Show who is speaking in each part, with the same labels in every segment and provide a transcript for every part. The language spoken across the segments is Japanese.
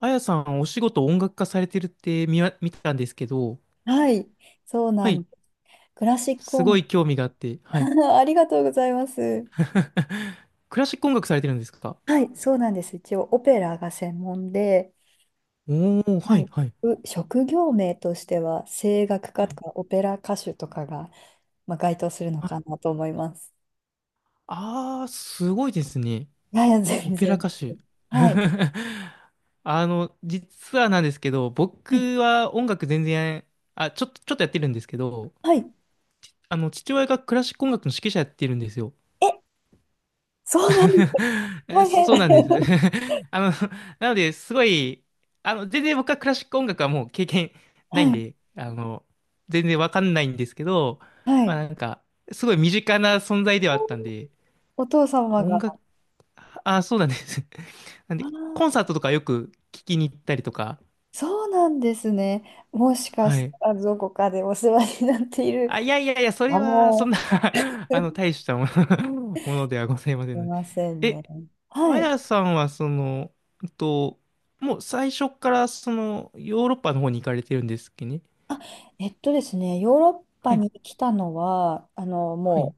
Speaker 1: あやさん、お仕事音楽家されてるって見たんですけど、
Speaker 2: はい、そうな
Speaker 1: は
Speaker 2: ん、
Speaker 1: い。
Speaker 2: クラシック
Speaker 1: すご
Speaker 2: 音
Speaker 1: い興味があって、はい。
Speaker 2: 楽、ありがとうございます。
Speaker 1: クラシック音楽されてるんですか？
Speaker 2: はい、そうなんです。一応オペラが専門で、
Speaker 1: おー、
Speaker 2: は
Speaker 1: は
Speaker 2: い、
Speaker 1: い、はい、
Speaker 2: 職業名としては声楽家
Speaker 1: は
Speaker 2: と
Speaker 1: い、
Speaker 2: かオペラ歌手とかが、まあ、該当するの
Speaker 1: は
Speaker 2: か
Speaker 1: い。
Speaker 2: なと思います。
Speaker 1: あー、すごいですね。
Speaker 2: いやいや、
Speaker 1: オ
Speaker 2: 全
Speaker 1: ペラ
Speaker 2: 然。
Speaker 1: 歌手。
Speaker 2: はい、
Speaker 1: 実はなんですけど、
Speaker 2: はい、
Speaker 1: 僕は音楽全然、あ、ちょっとやってるんですけど、
Speaker 2: はい。
Speaker 1: 父親がクラシック音楽の指揮者やってるんですよ。
Speaker 2: え、そうなんですか。大変。
Speaker 1: そうなんです。あの、なので、すごい、全然僕はクラシック音楽はもう経験な
Speaker 2: は
Speaker 1: いん
Speaker 2: い、
Speaker 1: で、全然わかんないんですけど、
Speaker 2: は
Speaker 1: まあ
Speaker 2: い。
Speaker 1: なんか、すごい身近な存在ではあったんで、
Speaker 2: お父様
Speaker 1: 音
Speaker 2: が。あ
Speaker 1: 楽、あ、そうなんです。なんで、コン
Speaker 2: あ、
Speaker 1: サートとかよく聞きに行ったりとか、
Speaker 2: そうなんですね。もしか
Speaker 1: は
Speaker 2: し
Speaker 1: い。
Speaker 2: たらどこかでお世話になっている
Speaker 1: あ、いやいやいや、そ
Speaker 2: か
Speaker 1: れは、そ
Speaker 2: も。
Speaker 1: んな 大したもの ものではございませ
Speaker 2: す
Speaker 1: ん
Speaker 2: い
Speaker 1: ので。
Speaker 2: ません
Speaker 1: え
Speaker 2: ね。
Speaker 1: あ
Speaker 2: はい。
Speaker 1: やさんはうんと、もう最初からそのヨーロッパの方に行かれてるんですっけね？
Speaker 2: えっとですね、ヨーロッパ
Speaker 1: はい、
Speaker 2: に来たのは、
Speaker 1: は
Speaker 2: も
Speaker 1: い、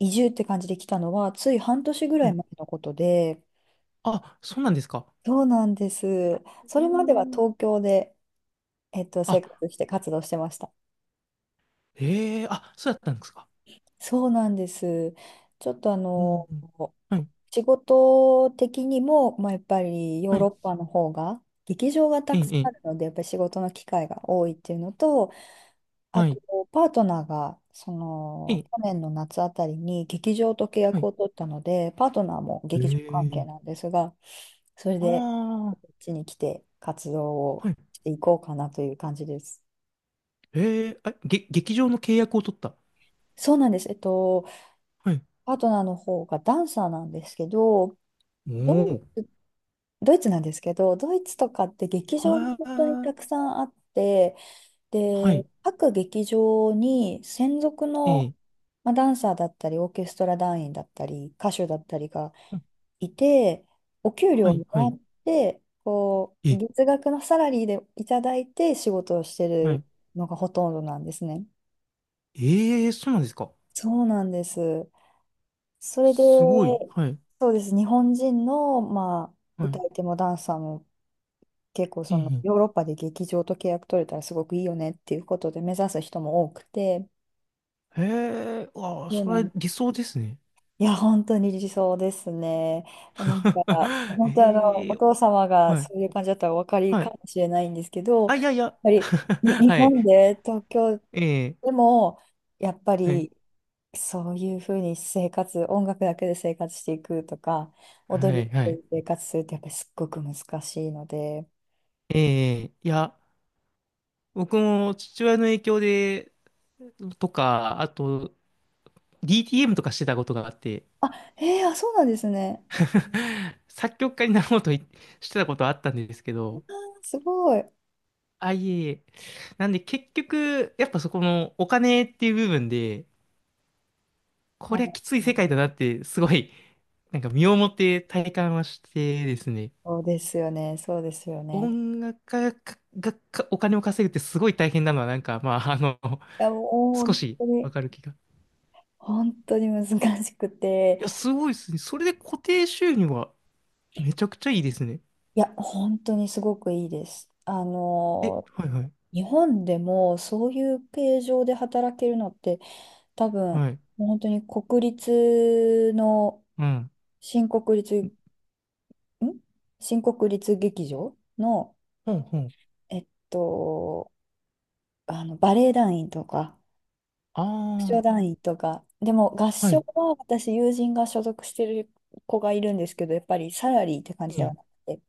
Speaker 2: う移住って感じで来たのは、つい半年ぐら
Speaker 1: は
Speaker 2: い
Speaker 1: い。
Speaker 2: 前のことで、
Speaker 1: あ、そうなんですか。
Speaker 2: そうなんです。そ
Speaker 1: うー
Speaker 2: れまでは
Speaker 1: ん。
Speaker 2: 東京で、生
Speaker 1: あ、
Speaker 2: 活して活動してました。
Speaker 1: ええあ、そうだったんですか。
Speaker 2: そうなんです。ちょっと
Speaker 1: うん。うんはい、
Speaker 2: 仕事的にも、まあ、やっぱりヨー
Speaker 1: は
Speaker 2: ロ
Speaker 1: い、
Speaker 2: ッパの方が、劇場がた
Speaker 1: え
Speaker 2: くさ
Speaker 1: え、
Speaker 2: んあ
Speaker 1: え
Speaker 2: る
Speaker 1: え
Speaker 2: ので、やっぱり仕事の機会が多いっていうのと、あ
Speaker 1: は
Speaker 2: と、
Speaker 1: い、
Speaker 2: パートナーが、そ
Speaker 1: え
Speaker 2: の、
Speaker 1: え、
Speaker 2: 去年の夏あたりに劇場と契
Speaker 1: は
Speaker 2: 約
Speaker 1: い。
Speaker 2: を取ったので、パートナーも劇場関係
Speaker 1: ええ
Speaker 2: なんですが、それで、
Speaker 1: あ
Speaker 2: こっ
Speaker 1: あ
Speaker 2: ちに来て活動
Speaker 1: ー、
Speaker 2: を
Speaker 1: はい。
Speaker 2: していこうかなという感じです。
Speaker 1: ええあ、劇場の契約を取った？
Speaker 2: そうなんです。
Speaker 1: はい。
Speaker 2: パートナーの方がダンサーなんですけど、
Speaker 1: お
Speaker 2: どう
Speaker 1: お。
Speaker 2: ドイツなんですけど、ドイツとかって劇場が
Speaker 1: は
Speaker 2: 本当に
Speaker 1: あ、
Speaker 2: たくさんあって、
Speaker 1: は
Speaker 2: で、
Speaker 1: い、
Speaker 2: 各劇場に専属の、
Speaker 1: ええ
Speaker 2: まあ、ダンサーだったり、オーケストラ団員だったり、歌手だったりが
Speaker 1: うん
Speaker 2: いて、お給料
Speaker 1: は
Speaker 2: を
Speaker 1: い、
Speaker 2: も
Speaker 1: は
Speaker 2: ら
Speaker 1: い、
Speaker 2: って、こ
Speaker 1: え
Speaker 2: う、
Speaker 1: え、
Speaker 2: 月額のサラリーでいただいて仕事をして
Speaker 1: は
Speaker 2: る
Speaker 1: い。
Speaker 2: のがほとんどなんですね。
Speaker 1: ええそうなんですか。
Speaker 2: そうなんです。それで、
Speaker 1: すごい。はい。
Speaker 2: そうです。日本人の、まあ、
Speaker 1: はい。
Speaker 2: 歌い手もダンサーも結構
Speaker 1: え
Speaker 2: その
Speaker 1: え。
Speaker 2: ヨーロッパで劇場と契約取れたらすごくいいよねっていうことで目指す人も多くて、
Speaker 1: へえ、ああ、
Speaker 2: そう
Speaker 1: そ
Speaker 2: な
Speaker 1: れ
Speaker 2: ん
Speaker 1: は
Speaker 2: で
Speaker 1: 理
Speaker 2: す。
Speaker 1: 想ですね。
Speaker 2: いや、本当に理想ですね。なんか、本当
Speaker 1: え
Speaker 2: お
Speaker 1: え、
Speaker 2: 父様が
Speaker 1: はい。
Speaker 2: そういう感じだったらお分かり
Speaker 1: は
Speaker 2: か
Speaker 1: い。
Speaker 2: もしれないんですけど、
Speaker 1: あ、
Speaker 2: や
Speaker 1: い
Speaker 2: っ
Speaker 1: やいや。
Speaker 2: ぱりに 日
Speaker 1: はい。
Speaker 2: 本で東京
Speaker 1: ええ、
Speaker 2: でも、やっぱ
Speaker 1: はい。
Speaker 2: りそういうふうに生活、音楽だけで生活していくとか、踊
Speaker 1: は
Speaker 2: り
Speaker 1: い。
Speaker 2: だ
Speaker 1: は
Speaker 2: けで
Speaker 1: い。
Speaker 2: 生活するってやっぱりすっごく難しいので。
Speaker 1: ええ、いや、僕も父親の影響で、とか、あと、DTM とかしてたことがあって、
Speaker 2: あ、えー、あ、そうなんですね。
Speaker 1: 作曲家になろうといしてたことがあったんですけど、
Speaker 2: すごい。
Speaker 1: あ、いえいえ。なんで結局、やっぱそこのお金っていう部分で、こ
Speaker 2: は
Speaker 1: りゃきつい世界だ
Speaker 2: い、
Speaker 1: なって、すごい、なんか身をもって体感はしてですね、
Speaker 2: そうですよね、そうですよね。
Speaker 1: 音楽家がお金を稼ぐってすごい大変なのは、なんか、まあ、
Speaker 2: いや、もう
Speaker 1: 少
Speaker 2: 本
Speaker 1: し
Speaker 2: 当に、
Speaker 1: わかる気が。
Speaker 2: 本当に難しくて、
Speaker 1: いや、すごいですね。それで固定収入はめちゃくちゃいいですね。
Speaker 2: いや、本当にすごくいいです。
Speaker 1: え、はいはい。
Speaker 2: 日本でもそういう形状で働けるのって、多分、
Speaker 1: はい。
Speaker 2: もう本当に国立の、
Speaker 1: うん。
Speaker 2: 新国立、ん新国立劇場の、
Speaker 1: ほんほん。
Speaker 2: えっと、バレエ団員とか、合唱
Speaker 1: あ
Speaker 2: 団員とか。でも合
Speaker 1: あ、は
Speaker 2: 唱
Speaker 1: い。
Speaker 2: は私、友人が所属してる子がいるんですけど、やっぱりサラリーって感
Speaker 1: い
Speaker 2: じでは
Speaker 1: い。
Speaker 2: なくて、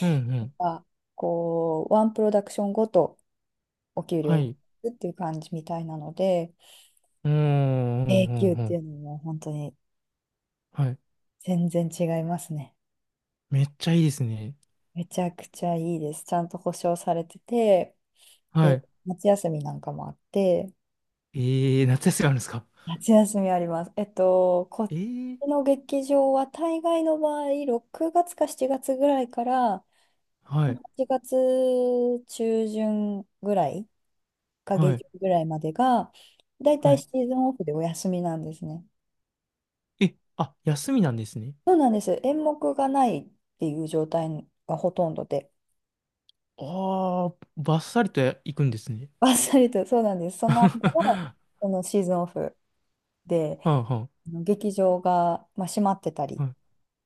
Speaker 1: うんう
Speaker 2: なん
Speaker 1: ん。
Speaker 2: かこう、ワンプロダクションごとお給料
Speaker 1: は
Speaker 2: いただ
Speaker 1: い。
Speaker 2: くっていう感じみたいなので、
Speaker 1: うーん、うん
Speaker 2: 永久っ
Speaker 1: うんう
Speaker 2: てい
Speaker 1: ん。
Speaker 2: うのも本当に
Speaker 1: はい。
Speaker 2: 全然違いますね。
Speaker 1: めっちゃいいですね。
Speaker 2: めちゃくちゃいいです。ちゃんと保証されてて、
Speaker 1: は
Speaker 2: で、
Speaker 1: い。
Speaker 2: 夏休みなんかもあって、
Speaker 1: えー、夏休みあるんですか？
Speaker 2: 夏休みあります。こっ
Speaker 1: えー、
Speaker 2: ちの劇場は大概の場合、6月か7月ぐらいから、
Speaker 1: はい。
Speaker 2: 8月中旬ぐらいか下
Speaker 1: は
Speaker 2: 旬
Speaker 1: い。
Speaker 2: ぐらいまでが、だいた
Speaker 1: は
Speaker 2: い
Speaker 1: い
Speaker 2: シーズンオフでお休みなんですね。
Speaker 1: え、あ、休みなんですね。
Speaker 2: そうなんです。演目がないっていう状態がほとんどで、
Speaker 1: ああ、バッサリと行くんですね。
Speaker 2: バっさりと、そうなんです。そ の間は、
Speaker 1: は
Speaker 2: そのシーズンオフで、
Speaker 1: あは
Speaker 2: あの劇場が、まあ、閉まってた
Speaker 1: あ、
Speaker 2: り
Speaker 1: は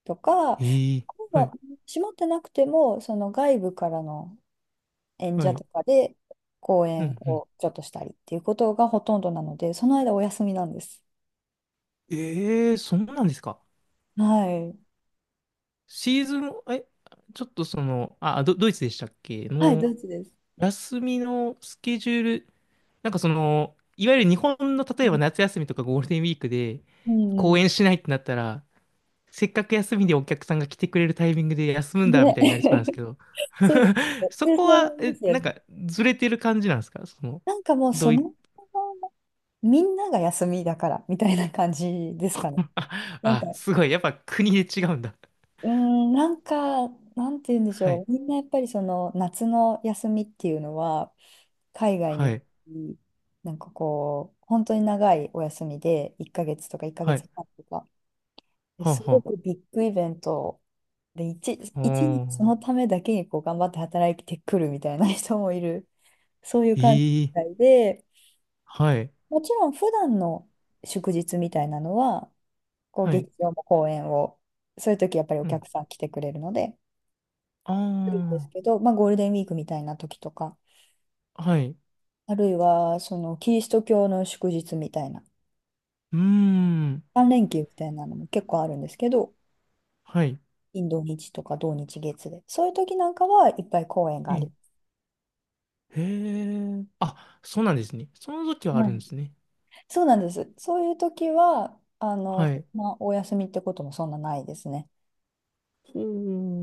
Speaker 2: とか、あ
Speaker 1: い。
Speaker 2: る
Speaker 1: ええ
Speaker 2: い
Speaker 1: は
Speaker 2: は
Speaker 1: い、
Speaker 2: 閉まってなくても、その外部からの演
Speaker 1: は
Speaker 2: 者と
Speaker 1: い。
Speaker 2: かで公
Speaker 1: う
Speaker 2: 演
Speaker 1: ん、うん。
Speaker 2: をちょっとしたりっていうことがほとんどなので、その間お休みなんです。
Speaker 1: ええそうなんですか。
Speaker 2: はい。
Speaker 1: シーズン、ちょっとあ、ドイツでしたっけ
Speaker 2: はい、ド
Speaker 1: の、
Speaker 2: イツです。
Speaker 1: 休みのスケジュール、なんかいわゆる日本の例えば
Speaker 2: う
Speaker 1: 夏休みとかゴールデンウィークで、
Speaker 2: ん。う
Speaker 1: 公演
Speaker 2: ん
Speaker 1: しないってなったら、せっかく休みでお客さんが来てくれるタイミングで休むん
Speaker 2: で、
Speaker 1: だみたいになりそうなんですけ ど、
Speaker 2: そうで す。
Speaker 1: そ
Speaker 2: 普通
Speaker 1: こ
Speaker 2: そう
Speaker 1: は、
Speaker 2: 思いますよ
Speaker 1: なん
Speaker 2: ね。
Speaker 1: かずれてる感じなんですか？
Speaker 2: なんかもう
Speaker 1: ど
Speaker 2: そ
Speaker 1: うい、
Speaker 2: の、みんなが休みだから、みたいな感じですかね。
Speaker 1: あ、
Speaker 2: なんか、
Speaker 1: あ、すごい、やっぱ国で違うんだ。
Speaker 2: うーん、なんか、なんて言うんでし
Speaker 1: は
Speaker 2: ょう。
Speaker 1: い、
Speaker 2: みんなやっぱりその夏の休みっていうのは、海外
Speaker 1: は
Speaker 2: に、
Speaker 1: い、
Speaker 2: なんかこう、本当に長いお休みで、1ヶ月とか1ヶ
Speaker 1: はい、
Speaker 2: 月半とか、で
Speaker 1: はあ、
Speaker 2: すご
Speaker 1: は
Speaker 2: くビッグイベントで、
Speaker 1: あ、
Speaker 2: 1年そ
Speaker 1: お
Speaker 2: のためだけにこう頑張って働いてくるみたいな人もいる、そういう感じみ
Speaker 1: ー、
Speaker 2: た
Speaker 1: ええ
Speaker 2: いで、
Speaker 1: はい、
Speaker 2: もちろん普段の祝日みたいなのは、こう
Speaker 1: はい、
Speaker 2: 劇場も公演を、そういう時やっぱりお
Speaker 1: うん、
Speaker 2: 客さん来てくれるので、するんですけ
Speaker 1: あ
Speaker 2: ど、まあ、ゴールデンウィークみたいな時とか、
Speaker 1: あ、はい、
Speaker 2: あるいはそのキリスト教の祝日みたいな、
Speaker 1: うーん、
Speaker 2: 3連休みたいなのも結構あるんですけど、
Speaker 1: はい、
Speaker 2: 金土日とか土日月で、そういう時なんかはいっぱい公演が
Speaker 1: え
Speaker 2: あ
Speaker 1: え、
Speaker 2: り
Speaker 1: へえ、あ、そうなんですね。その時はあ
Speaker 2: ま
Speaker 1: る
Speaker 2: す。
Speaker 1: んですね。
Speaker 2: そうなんです。そういう時は、
Speaker 1: はい。
Speaker 2: まあお休みってこともそんなないですね。
Speaker 1: ほ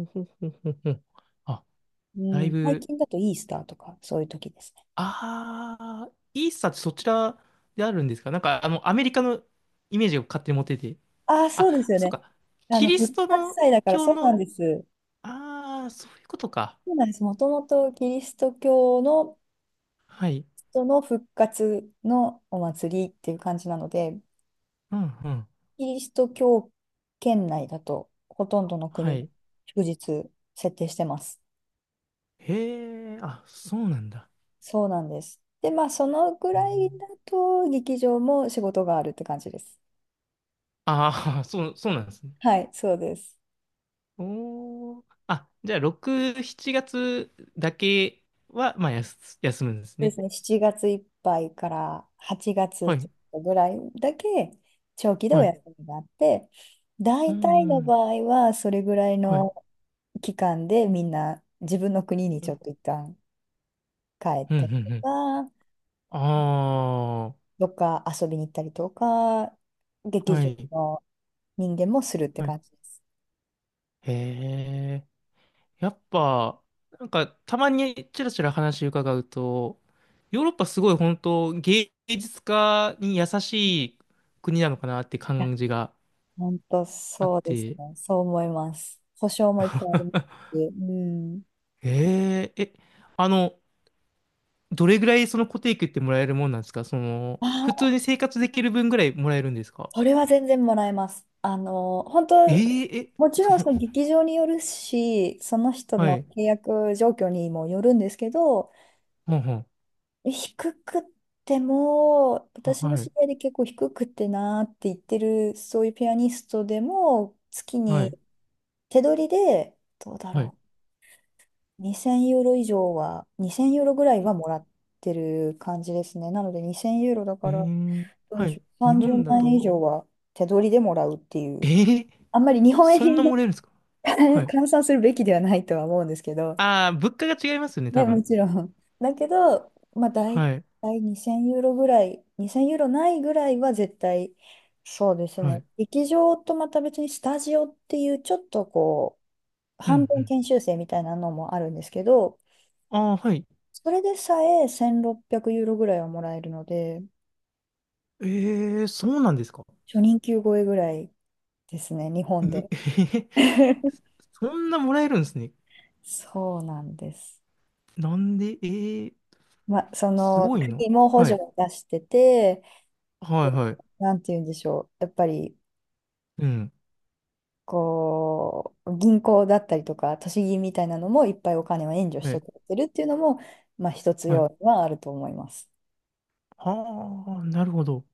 Speaker 1: う、ほうほうほうほう。あ、
Speaker 2: う
Speaker 1: だい
Speaker 2: ん、最
Speaker 1: ぶ
Speaker 2: 近だとイースターとか、そういう時ですね。
Speaker 1: ああ、イーサってそちらであるんですか？なんか、アメリカのイメージを勝手に持ってて。
Speaker 2: ああ、
Speaker 1: あ、
Speaker 2: そうですよ
Speaker 1: そう
Speaker 2: ね。
Speaker 1: か。
Speaker 2: あ
Speaker 1: キ
Speaker 2: の、
Speaker 1: リス
Speaker 2: 復
Speaker 1: ト
Speaker 2: 活
Speaker 1: の
Speaker 2: 祭だから、
Speaker 1: 教
Speaker 2: そうな
Speaker 1: の、
Speaker 2: んです。
Speaker 1: ああ、そういうことか。
Speaker 2: そうなんです。もともとキリスト教の
Speaker 1: はい。
Speaker 2: 人の復活のお祭りっていう感じなので、
Speaker 1: うんうん。
Speaker 2: キリスト教圏内だと、ほとんどの
Speaker 1: は
Speaker 2: 国、
Speaker 1: い。
Speaker 2: 祝日設定してます。
Speaker 1: へえ、あ、そうなんだ。
Speaker 2: そうなんです。で、まあ、そのぐ
Speaker 1: う
Speaker 2: らいだ
Speaker 1: ん、
Speaker 2: と、劇場も仕事があるって感じです。
Speaker 1: ああ、そう、そうなんですね。
Speaker 2: はい、そうです。
Speaker 1: おー。あ、じゃあ、6、7月だけは、まあ、休むんです
Speaker 2: そうで
Speaker 1: ね。
Speaker 2: すね、7月いっぱいから8月ちょ
Speaker 1: は
Speaker 2: っ
Speaker 1: い。
Speaker 2: とぐらいだけ長期でお
Speaker 1: はい。
Speaker 2: 休みがあって、
Speaker 1: う
Speaker 2: 大体
Speaker 1: んう
Speaker 2: の場
Speaker 1: ん。
Speaker 2: 合はそれぐらい
Speaker 1: はい。
Speaker 2: の期間でみんな自分の国に
Speaker 1: う
Speaker 2: ちょ
Speaker 1: ん
Speaker 2: っと一旦帰っ
Speaker 1: うん
Speaker 2: たりと
Speaker 1: うん。
Speaker 2: か、
Speaker 1: ああ。
Speaker 2: どっか遊びに行ったりとか、劇
Speaker 1: は
Speaker 2: 場
Speaker 1: い。
Speaker 2: の人間もするって
Speaker 1: はい。
Speaker 2: 感じです。
Speaker 1: へえ。やっぱ、なんか、たまにちらちら話伺うと、ヨーロッパすごい本当芸術家に優しい国なのかなって
Speaker 2: いや、
Speaker 1: 感じが
Speaker 2: 本当
Speaker 1: あっ
Speaker 2: そうです
Speaker 1: て、
Speaker 2: ね。そう思います。保証もいっぱいありますし。うん。
Speaker 1: ええ、あの、どれぐらいその固定給ってもらえるもんなんですか？普
Speaker 2: あ、
Speaker 1: 通に生活できる分ぐらいもらえるんですか？
Speaker 2: これは全然もらえます。あの、本当、
Speaker 1: ええ、
Speaker 2: も ち
Speaker 1: そ
Speaker 2: ろん
Speaker 1: う、
Speaker 2: その劇場によるし、その人
Speaker 1: は
Speaker 2: の
Speaker 1: い、
Speaker 2: 契約状況にもよるんですけど、
Speaker 1: はんはん、
Speaker 2: 低くっても、
Speaker 1: あ
Speaker 2: 私の
Speaker 1: は
Speaker 2: 知り
Speaker 1: い、
Speaker 2: 合いで結構低くってなーって言ってる、そういうピアニストでも、月
Speaker 1: は
Speaker 2: に
Speaker 1: い、
Speaker 2: 手取りで、どうだ
Speaker 1: はい、
Speaker 2: ろう、2000ユーロ以上は、2000ユーロぐらいはもらってる感じですね。なので2000ユーロだ
Speaker 1: え
Speaker 2: から、
Speaker 1: え、
Speaker 2: どうで
Speaker 1: は
Speaker 2: し
Speaker 1: い、
Speaker 2: ょう、
Speaker 1: 日
Speaker 2: 30
Speaker 1: 本だ
Speaker 2: 万円以
Speaker 1: と、
Speaker 2: 上は手取りでもらうってい
Speaker 1: え
Speaker 2: う。
Speaker 1: え
Speaker 2: あんまり日本円
Speaker 1: そ
Speaker 2: に
Speaker 1: んな
Speaker 2: ね
Speaker 1: もらえるんですか？ はい。
Speaker 2: 換算するべきではないとは思うんですけど、
Speaker 1: ああ、物価が違いますよね、多
Speaker 2: ね、も
Speaker 1: 分。
Speaker 2: ちろん。だけど、まあ、大
Speaker 1: はい。
Speaker 2: 体2000ユーロぐらい、2000ユーロないぐらいは絶対、そうです
Speaker 1: は
Speaker 2: ね、
Speaker 1: い。
Speaker 2: 劇場とまた別にスタジオっていう、ちょっとこう、
Speaker 1: う
Speaker 2: 半
Speaker 1: ん、う
Speaker 2: 分
Speaker 1: ん。
Speaker 2: 研修生みたいなのもあるんですけど、
Speaker 1: ああ、はい。
Speaker 2: それでさえ1600ユーロぐらいはもらえるので、
Speaker 1: ええ、そうなんですか。
Speaker 2: 初任給超えぐらいですね、日
Speaker 1: う
Speaker 2: 本
Speaker 1: ん
Speaker 2: で。
Speaker 1: えへへ そんなもらえるんですね。
Speaker 2: そうなんです。
Speaker 1: なんで、ええ、
Speaker 2: ま、そ
Speaker 1: す
Speaker 2: の
Speaker 1: ごいな。
Speaker 2: 国も補
Speaker 1: は
Speaker 2: 助
Speaker 1: い。
Speaker 2: を出してて、
Speaker 1: は
Speaker 2: こ
Speaker 1: い、はい。
Speaker 2: うなんて言うんでしょう、やっぱり
Speaker 1: うん。
Speaker 2: こう銀行だったりとか、都市銀みたいなのもいっぱいお金を援助し
Speaker 1: は
Speaker 2: て
Speaker 1: い。
Speaker 2: くれてるっていうのも、まあ、一つ
Speaker 1: はい。
Speaker 2: 要因はあると思います。
Speaker 1: ああ、なるほど。